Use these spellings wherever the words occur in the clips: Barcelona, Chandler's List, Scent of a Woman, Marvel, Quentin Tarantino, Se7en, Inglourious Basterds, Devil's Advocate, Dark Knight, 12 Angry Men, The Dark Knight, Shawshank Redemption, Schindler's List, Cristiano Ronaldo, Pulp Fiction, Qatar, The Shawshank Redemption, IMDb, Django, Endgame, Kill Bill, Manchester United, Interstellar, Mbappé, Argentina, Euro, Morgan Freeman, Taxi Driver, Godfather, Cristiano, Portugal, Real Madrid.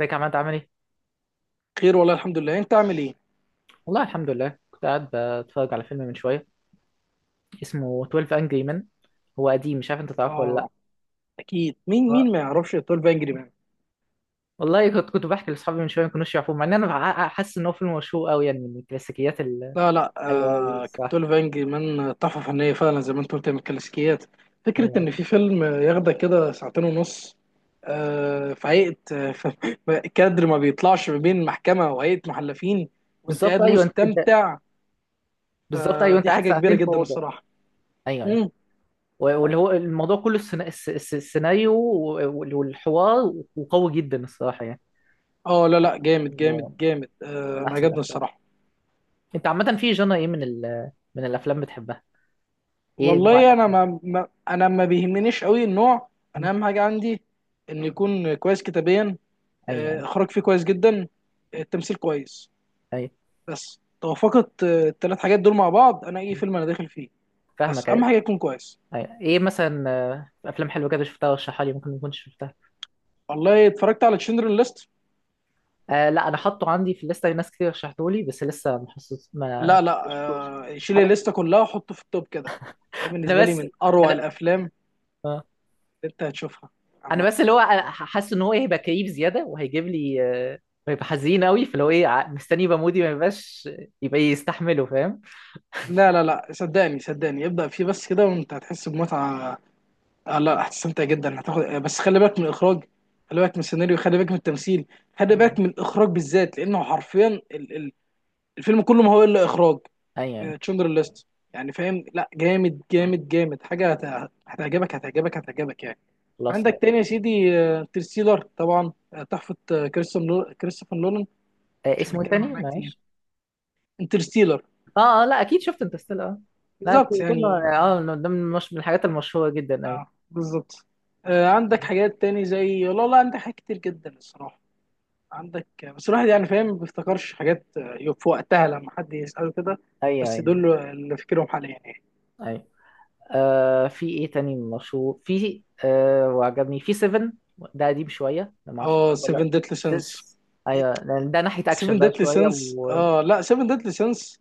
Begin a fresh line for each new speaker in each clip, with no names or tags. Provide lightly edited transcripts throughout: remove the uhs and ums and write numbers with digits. ازيك يا عماد، عامل ايه؟
خير، والله الحمد لله. انت عامل ايه؟
والله الحمد لله، كنت قاعد بتفرج على فيلم من شوية اسمه 12 Angry Men. هو قديم، مش عارف انت تعرفه ولا لا.
اه، اكيد. مين
آه.
مين ما يعرفش 12 انجري مان؟
والله كنت بحكي لاصحابي من شوية، ما كانوش يعرفوه، مع ان انا حاسس ان هو فيلم مشهور قوي، يعني من الكلاسيكيات.
لا، لا.
حلوة قوي
آه،
الصراحة.
12 انجري مان تحفه فنيه فعلا، زي ما انت قلت، من الكلاسيكيات. فكره
أيوة.
ان في فيلم ياخدك كده ساعتين ونص. في هيئه كادر ما بيطلعش ما بين محكمه وهيئه محلفين. وانت
بالظبط،
قاعد
ايوه انت.
مستمتع.
بالظبط، ايوه انت
فدي
قاعد
حاجه كبيره
ساعتين في
جدا
اوضة.
الصراحه.
ايوه ايوه.
مم.
واللي هو الموضوع كله، السيناريو والحوار، وقوي جدا الصراحة يعني.
اه، لا، لا، جامد جامد
فيلم
جامد.
من
انا
احسن
عجبني
الافلام.
الصراحه.
انت عامة في جنرا ايه من الافلام بتحبها؟ ايه نوع
والله انا ما بيهمنيش قوي النوع. انا
الافلام؟
اهم حاجه عندي ان يكون كويس كتابيا، اخراج فيه كويس جدا، التمثيل كويس.
اي.
بس توافقت الثلاث حاجات دول مع بعض، انا اي فيلم انا داخل فيه. بس
فاهمك،
اهم
ايوه.
حاجه يكون كويس.
ايوه، ايه مثلا، افلام حلوه كده شفتها ورشحها لي، ممكن ما اكونش شفتها.
والله اتفرجت على تشندرن ليست.
آه، لا، انا حاطه عندي في الليسته، ناس كتير رشحته لي، بس لسه ما حسيت، ما
لا، لا.
شفتوش.
شيل
انا
الليسته كلها وحطه في التوب كده. ده
انا
بالنسبه لي
بس
من اروع
انا
الافلام
آه.
اللي انت هتشوفها
انا
عامه.
بس اللي هو، أنا حاسس ان هو هيبقى كئيب زياده وهيجيب لي، آه، هيبقى حزين قوي، فاللي هو ايه، مستني يبقى مودي، ما يبقاش يبقى يستحمله، فاهم.
لا، لا، لا، صدقني صدقني، ابدا فيه بس كده وانت هتحس بمتعه. لا، هتستمتع جدا. هتاخد بس خلي بالك من الاخراج. خلي بالك من السيناريو. خلي بالك من التمثيل. خلي بالك
ايوه
من الاخراج بالذات، لانه حرفيا الفيلم كله ما هو الا اخراج.
ايوه أيوة.
تشندر ليست. يعني فاهم، لا، جامد جامد جامد، حاجه هتعجبك هتعجبك هتعجبك يعني.
خلاص.
عندك تاني يا سيدي، انترستيلر طبعا، تحفه، كريستوفر نولان.
آه،
مش
اسمه ايه
هنتكلم
تاني
عنها كتير.
معلش؟
انترستيلر.
اه اه، لا اكيد شفت انترستيلر، اه. لا،
بالظبط يعني،
كله اه،
اه.
من الحاجات المشهوره جدا، ايوه.
بالظبط. عندك حاجات تاني زي، لا، لا، عندك حاجات كتير جدا الصراحه. عندك بس الواحد يعني فاهم ما بيفتكرش حاجات في وقتها لما حد يسأله كده.
اي
بس
اي
دول اللي فاكرهم حاليا يعني.
اي. آه، في ايه تاني مشهور، في آه، وعجبني في 7، ده قديم شويه ده، ما اعرفش
اه،
تعرفه ولا لا.
7 ديتلي سينس.
6. ايوه، لأن ده ناحيه اكشن
7
بقى
ديتلي
شويه
سينس،
و...
اه لا، 7 ديتلي سينس.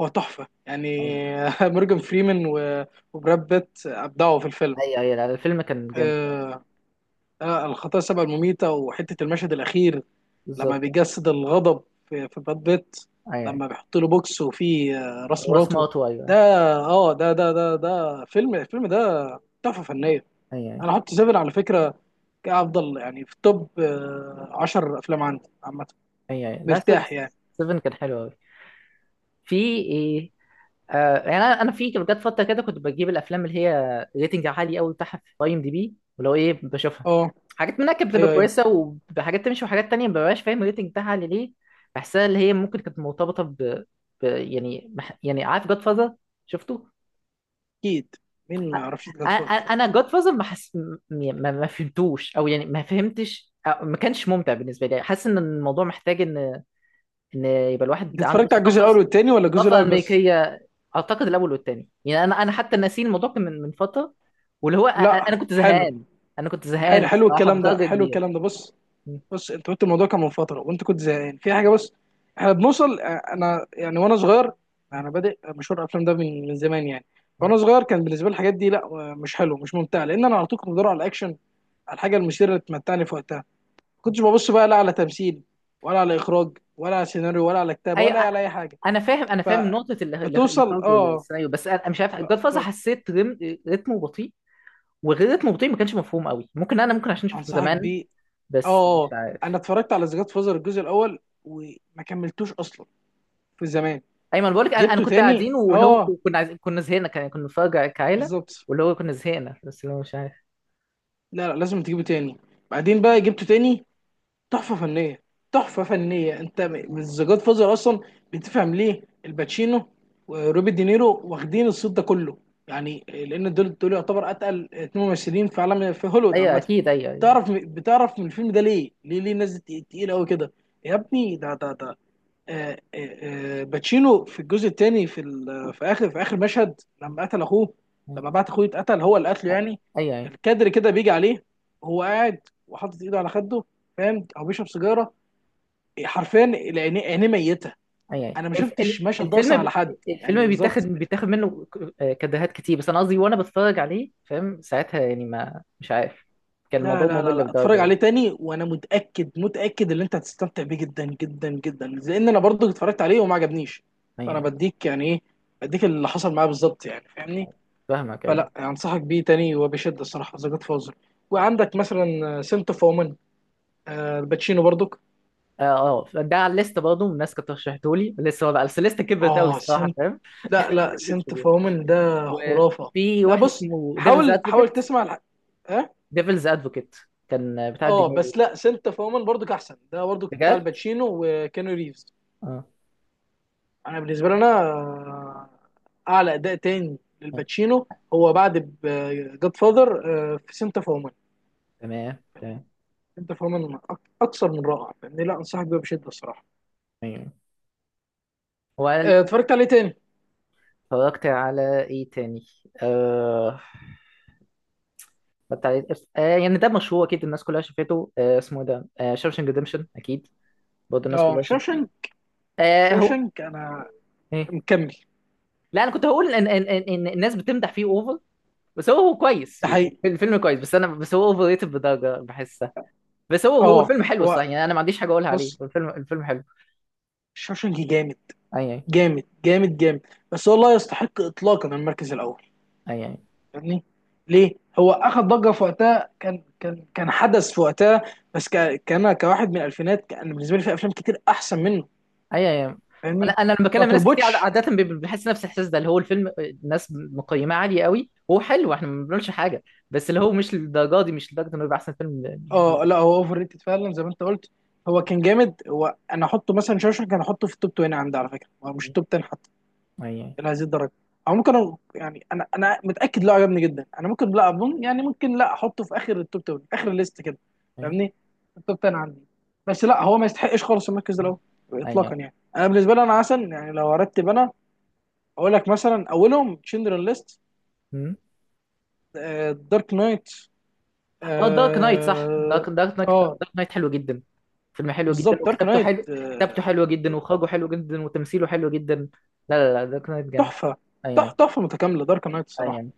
هو تحفة يعني. مورجان فريمان وبراد بيت أبدعوا في الفيلم.
اي اي، لا الفيلم كان جامد.
آه. الخطايا السبع المميتة، وحتة المشهد الأخير لما
بالظبط.
بيجسد الغضب في براد بيت.
اي اي.
لما بيحط له بوكس وفيه راس
واسمه
مراته.
اوتو، ايوه.
ده. اه، ده الفيلم ده تحفه فنيه.
اي اي
انا هحط سيفن على فكره كافضل يعني في توب 10 افلام عندي عامه.
اي اي. لا،
مرتاح يعني.
7 كان حلو قوي. في ايه؟ آه، يعني انا في جت فتره كده كنت بجيب الافلام اللي هي ريتنج عالي قوي بتاعها في IMDB، ولو ايه بشوفها.
اه،
حاجات منها كانت بتبقى
ايوه، ايوه،
كويسه، وحاجات تمشي، وحاجات تانية ما ببقاش فاهم الريتنج بتاعها عالي ليه. بحسها اللي هي ممكن كانت مرتبطه يعني، عارف جاد فازر؟ شفته؟
اكيد. مين ما يعرفش جاد فاذر؟
انا جاد فازر، ما, حس... م- ما فهمتوش، او يعني ما فهمتش، أو ما كانش ممتع بالنسبه لي، حاسس ان الموضوع محتاج ان يبقى
انت
الواحد عنده
اتفرجت على الجزء الاول
ثقافه،
والتاني ولا الجزء
ثقافه
الاول بس؟
امريكيه. اعتقد الاول والتاني، يعني انا حتى ناسين الموضوع، كان من فتره. واللي هو،
لا،
انا كنت
حلو.
زهقان. انا كنت زهقان
حلو حلو
الصراحه
الكلام ده،
بدرجه
حلو
كبيره.
الكلام ده، بص.
م-
بص، انت قلت الموضوع كان من فتره وانت كنت زهقان في حاجه، بس احنا بنوصل انا يعني وانا صغير،
م-
انا بادئ مشوار الافلام ده من زمان يعني.
م.
وانا صغير كان بالنسبه لي الحاجات دي، لا، مش حلو مش ممتع، لان انا على طول كنت بدور على الاكشن، على الحاجه المثيره اللي تمتعني في وقتها. ما كنتش ببص بقى لا على تمثيل، ولا على اخراج، ولا على سيناريو، ولا على كتابه،
ايوه.
ولا على اي حاجه.
انا فاهم، انا فاهم نقطه
فبتوصل،
الاخراج
اه،
والسيناريو، بس أنا مش عارف جاد فازر،
ف...
حسيت رتمه بطيء. وغير رتمه بطيء، ما كانش مفهوم قوي، ممكن ممكن عشان شفته
انصحك
زمان،
بيه. اه،
بس
اه.
مش
آه. انا
عارف.
اتفرجت على ذا جاد فازر الجزء الاول وما كملتوش اصلا في زمان.
ايمن، بقول لك انا
جبته
كنت
تاني،
قاعدين، واللي هو
اه.
كنا عايزين، كنا زهقنا، كنا بنتفرج كعيله،
بالظبط.
واللي هو كنا زهقنا، بس اللي هو مش عارف.
لا، لا، لازم تجيبه تاني. بعدين بقى جبته تاني. تحفة فنية. تحفة فنية، انت الزجاج فازر اصلا بتفهم ليه الباتشينو وروبي دينيرو واخدين الصوت ده كله، يعني لان دول يعتبر اتقل اتنين ممثلين في عالم، في هوليوود
ايوه،
عامة.
اكيد، ايوه ايوه.
بتعرف من الفيلم ده ليه ليه ليه الناس دي تقيلة قوي كده. يا ابني، ده باتشينو في الجزء الثاني، في اخر مشهد لما قتل اخوه، لما بعت اخوه يتقتل، هو اللي قتله يعني.
ايوه ايوه
الكادر كده بيجي عليه، هو قاعد وحاطط ايده على خده، فاهم؟ او بيشرب سيجاره. حرفيا عينيه ميته.
ايوه
انا ما شفتش المشهد ده
الفيلم
اصلا على حد.
الفيلم
يعني
بيتاخد
بالظبط.
بيتاخد منه كدهات كتير، بس انا قصدي وانا بتفرج عليه فاهم، ساعتها يعني ما مش عارف، كان
لا،
الموضوع
لا، لا،
ممل
لا، اتفرج
لدرجه.
عليه تاني، وانا متاكد متاكد ان انت هتستمتع بيه جدا جدا جدا، لان انا برضه اتفرجت عليه وما عجبنيش. فانا
ايوه
بديك يعني ايه، بديك اللي حصل معاه بالظبط، يعني فاهمني؟
أيوة. فاهمك، ايوه.
فلا، انصحك بيه تاني وبشده الصراحه، ذا جاد فازر. وعندك مثلا سنت اوف وومن، الباتشينو برضك.
اه اه، ده على الليست برضه، الناس كانت رشحته لي لسه بقى، بس الليست كبرت قوي
اه،
الصراحه،
سنت،
فاهم؟
لا، لا، سنت
الليستة
اوف
دي.
وومن ده خرافه.
وفي
لا،
واحد
بص،
اسمه ديفلز
حاول حاول
ادفوكيت،
تسمع اه.
ديفلز ادفوكيت كان بتاع
اه،
الدنيا.
بس لا، سنت اوف وومن برضك احسن. ده برضك بتاع
بجد.
الباتشينو وكانو ريفز.
اه.
انا بالنسبه لي انا، اعلى اداء تاني
آه.
للباتشينو هو بعد جاد فاذر في سنت اوف وومن.
تمام تمام.
سنت اوف وومن اكثر من رائع يعني. لا، انصحك بيه بشده الصراحه.
ايوه. وقال،
اتفرجت عليه تاني.
اتفرجت على ايه تاني؟ آه... اتفرجت على إيه؟ يعني ده مشهور، اكيد الناس كلها شافته، اسمه إيه ده، شاوشنج ريدمشن، اكيد برضه الناس
اه،
كلها شافته.
شوشنك.
هو
شوشنك، انا
ايه،
مكمل.
لا انا كنت هقول ان إن الناس بتمدح فيه اوفر، بس هو كويس،
ده
يعني
حقيقي.
الفيلم كويس، بس انا، بس هو اوفر ريتد بدرجه بحسها. بس هو
اه.
الفيلم حلو صح،
هو،
يعني انا ما عنديش حاجه اقولها عليه،
بص،
الفيلم حلو.
شوشنك جامد،
اي اي
جامد جامد جامد. بس هو لا يستحق اطلاقا المركز الاول.
اي اي.
فاهمني؟ ليه؟ هو اخذ ضجه في وقتها، كان حدث في وقتها، بس ك... كان كواحد من الالفينات، كان بالنسبه لي في افلام كتير احسن منه.
ايوه ايوه. انا
فاهمني؟
انا لما
ما
بكلم ناس كتير
تربطش.
عاده بيبقى بحس نفس الاحساس ده، اللي هو الفيلم الناس مقيماه عاليه قوي، هو حلو، احنا ما بنقولش حاجه، بس اللي هو مش للدرجه دي، مش لدرجه انه يبقى احسن فيلم
اه، لا،
للدرجة
هو اوفر ريتد فعلا زي ما انت قلت. هو كان جامد. انا احطه مثلا شوشنك، انا احطه في التوب 20 عندي على فكره. هو
دي.
مش التوب 10 حتى
ايوه
الى هذه الدرجه. او ممكن يعني انا متاكد، لا، عجبني جدا. انا ممكن، لا اظن يعني، ممكن لا احطه في اخر التوب 10، اخر الليست كده.
ايوه
فاهمني؟ التوب 10 عندي. بس لا، هو ما يستحقش خالص المركز ده الاول
ايوه
اطلاقا يعني. انا بالنسبه لي انا عسل يعني. لو ارتب انا اقول لك: مثلا اولهم تشندرن ليست،
أمم.
دارك نايت.
اه، دارك نايت صح،
اه.
دارك نايت.
آه،
دارك نايت حلو جدا، فيلم حلو جدا،
بالظبط، دارك
وكتابته
نايت،
حلو، كتابته حلوه جدا، واخراجه حلو جدا، وتمثيله حلو جدا. لا لا لا، دارك نايت جامد.
تحفه.
ايوه ايوه
تحفه متكامله دارك نايت الصراحه.
ايوه.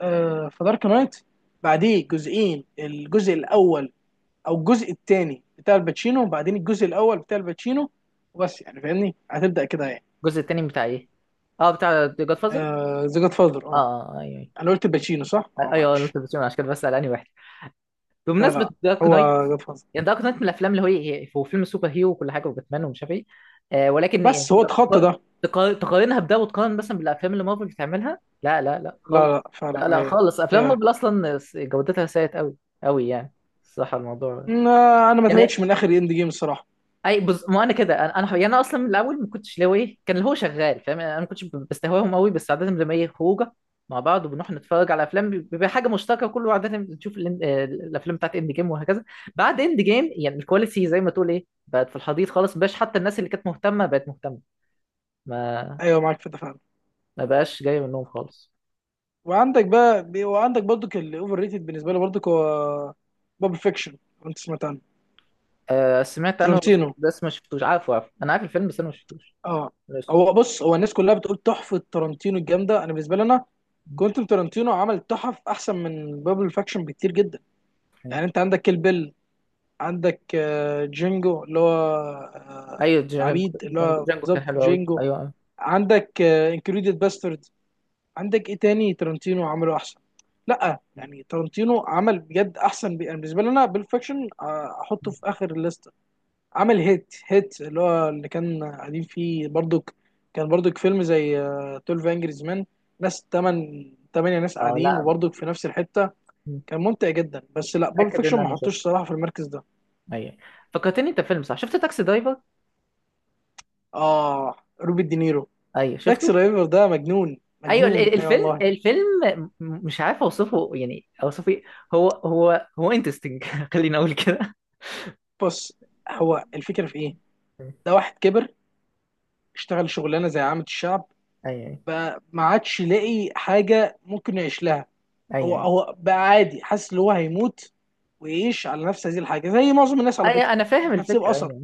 فدارك نايت، بعديه جزئين: الجزء الاول او الجزء الثاني بتاع الباتشينو، وبعدين الجزء الاول بتاع الباتشينو. وبس يعني. فاهمني؟ هتبدا كده يعني.
الجزء التاني بتاع ايه؟ اه، بتاع جاد فازر.
آه، ذا جاد فاذر،
اه.
اه.
اه ايوه.
انا قلت الباتشينو صح؟
ايوه
اه،
ايوه،
معلش.
قلت بس عشان كده بسأل انهي واحد.
لا،
بمناسبة
لا،
دارك
هو
نايت،
جاد فاذر.
يعني دارك نايت من الأفلام اللي هو هو فيلم سوبر هيرو وكل حاجة، وباتمان، ومش عارف إيه. آه، ولكن يعني
بس هو اتخطى
تق-
ده.
تقارنها بده، وتقارن مثلا بالأفلام اللي مارفل بتعملها، لا لا لا
لا،
خالص.
لا، فعلا،
لا لا
ايوه،
خالص، أفلام
ايوه.
مارفل أصلا جودتها سيئة أوي أوي يعني. الصراحة الموضوع
لا، انا ما
يعني،
تابعتش من اخر اند جيم الصراحه.
ما انا كده، انا حقيقة انا اصلا من الاول، ما كنتش اللي هو ايه، كان اللي هو شغال فاهم يعني، انا ما كنتش بستهواهم قوي، بس عاده لما ايه، خروجه مع بعض، وبنروح نتفرج على افلام، بيبقى حاجه مشتركه، كله عاده بنشوف الافلام بتاعت اند جيم، وهكذا. بعد اند جيم، يعني الكواليتي زي ما تقول ايه، بقت في الحضيض خالص، مبقاش حتى الناس اللي كانت مهتمه بقت مهتمه، ما
ايوه، معاك في ده فعلا.
ما بقاش جاي منهم خالص.
وعندك برضك الاوفر ريتد بالنسبه لي برضك، هو باب فيكشن. انت سمعت عنه؟
آه، سمعت عنه، بس
ترنتينو.
بس ما شفتوش، عارفه، انا عارف الفيلم بس انا ما شفتوش.
اه.
بس
بص، هو الناس كلها بتقول تحفه ترنتينو الجامده. انا بالنسبه لي انا، كوينتن تارانتينو عمل تحف احسن من بابل فاكشن بكتير جدا. يعني انت عندك كيل بيل، عندك جينجو اللي هو
ايوه، جانجو
العبيد، اللي
جانجو
هو
جانجو كان
بالظبط
حلو قوي،
جينجو.
ايوه أيوة.
عندك انكريديد باسترد. عندك ايه تاني تارانتينو عمله احسن؟ لا يعني تارانتينو عمل بجد احسن، يعني بالنسبه لي انا بيل فاكشن احطه في اخر الليست. عمل هيت هيت اللي هو اللي كان قاعدين فيه برضك، كان برضك فيلم زي 12 انجريز مان. ناس تمن تمانية ناس قاعدين
اه
وبرضك في نفس الحتة.
لا،
كان ممتع جدا.
مش
بس لا، بول
متاكد ان
فيكشن ما
انا
حطوش
شفته.
صراحة في المركز ده.
ايوه، فكرتني انت، فيلم صح، شفت تاكسي درايفر؟
اه، روبي دينيرو.
ايوه
تاكسي
شفته.
درايفر ده مجنون
ايوه
مجنون، اي، أيوة والله.
الفيلم، مش عارف اوصفه، يعني اوصفه إيه. هو انترستنج، خليني اقول كده.
بص، هو الفكرة في ايه؟
ايوه
ده واحد كبر، اشتغل شغلانة زي عامة الشعب،
ايوه
بقى ما عادش لاقي حاجة ممكن يعيش لها. هو
ايوه.
هو بقى عادي، حاسس ان هو هيموت ويعيش على نفس هذه الحاجه زي معظم الناس على فكره.
ايوه، انا فاهم
مش هتسيب
الفكره،
اثر.
ايوه.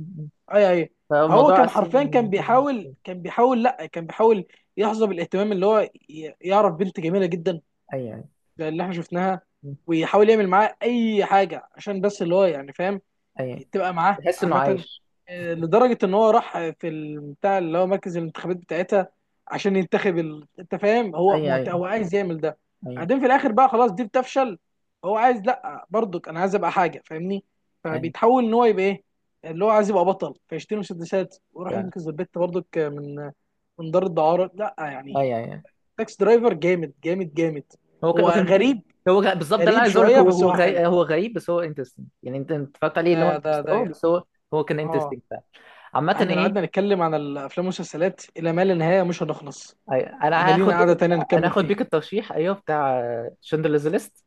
اي، اي. هو
فالموضوع
كان
اسهل
حرفيا كان
من ازمه.
بيحاول كان بيحاول لا كان بيحاول يحظى بالاهتمام، اللي هو يعرف بنت جميله جدا،
ايوه
زي اللي احنا شفناها، ويحاول يعمل معاها اي حاجه عشان بس اللي هو يعني، فاهم؟
ايوه،
تبقى معاه
تحس انه
عامة.
عايش.
لدرجة إن هو راح في البتاع اللي هو مركز الانتخابات بتاعتها عشان ينتخب أنت فاهم. هو
ايوه ايوه
هو عايز يعمل ده.
ايوه
بعدين في الآخر بقى، خلاص دي بتفشل. هو عايز، لأ برضك أنا عايز أبقى حاجة، فاهمني؟
ايوه
فبيتحول إن هو يبقى إيه، اللي هو عايز يبقى بطل فيشتري مسدسات وراح
ف-
ينقذ البت برضك من دار الدعارة، لأ
ايوه
يعني.
ايوه.
تاكس درايفر جامد جامد جامد. هو
هو كان،
غريب،
بالظبط، ده اللي أنا
غريب
عايز اقول لك،
شوية،
هو
بس
هو
هو
غريب،
حلو.
غريب بس هو انترستنج، يعني أنت اتفرجت عليه اللي هو،
ده ده ده
بس هو، هو كان
اه.
انترستنج فعلا. عامة
احنا لو
ايه،
قعدنا نتكلم عن الافلام والمسلسلات الى ما لا نهايه مش هنخلص.
أي-
احنا
انا
لينا
هاخد
قعده تانية
انا
نكمل
هاخد
فيها.
بيك الترشيح، ايوه، بتاع شندلرز ليست،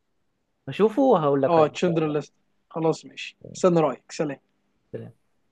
هشوفه وهقول لك
اه،
عليه ان شاء
تشندر ليست. خلاص، ماشي، استنى رايك، سلام.
الله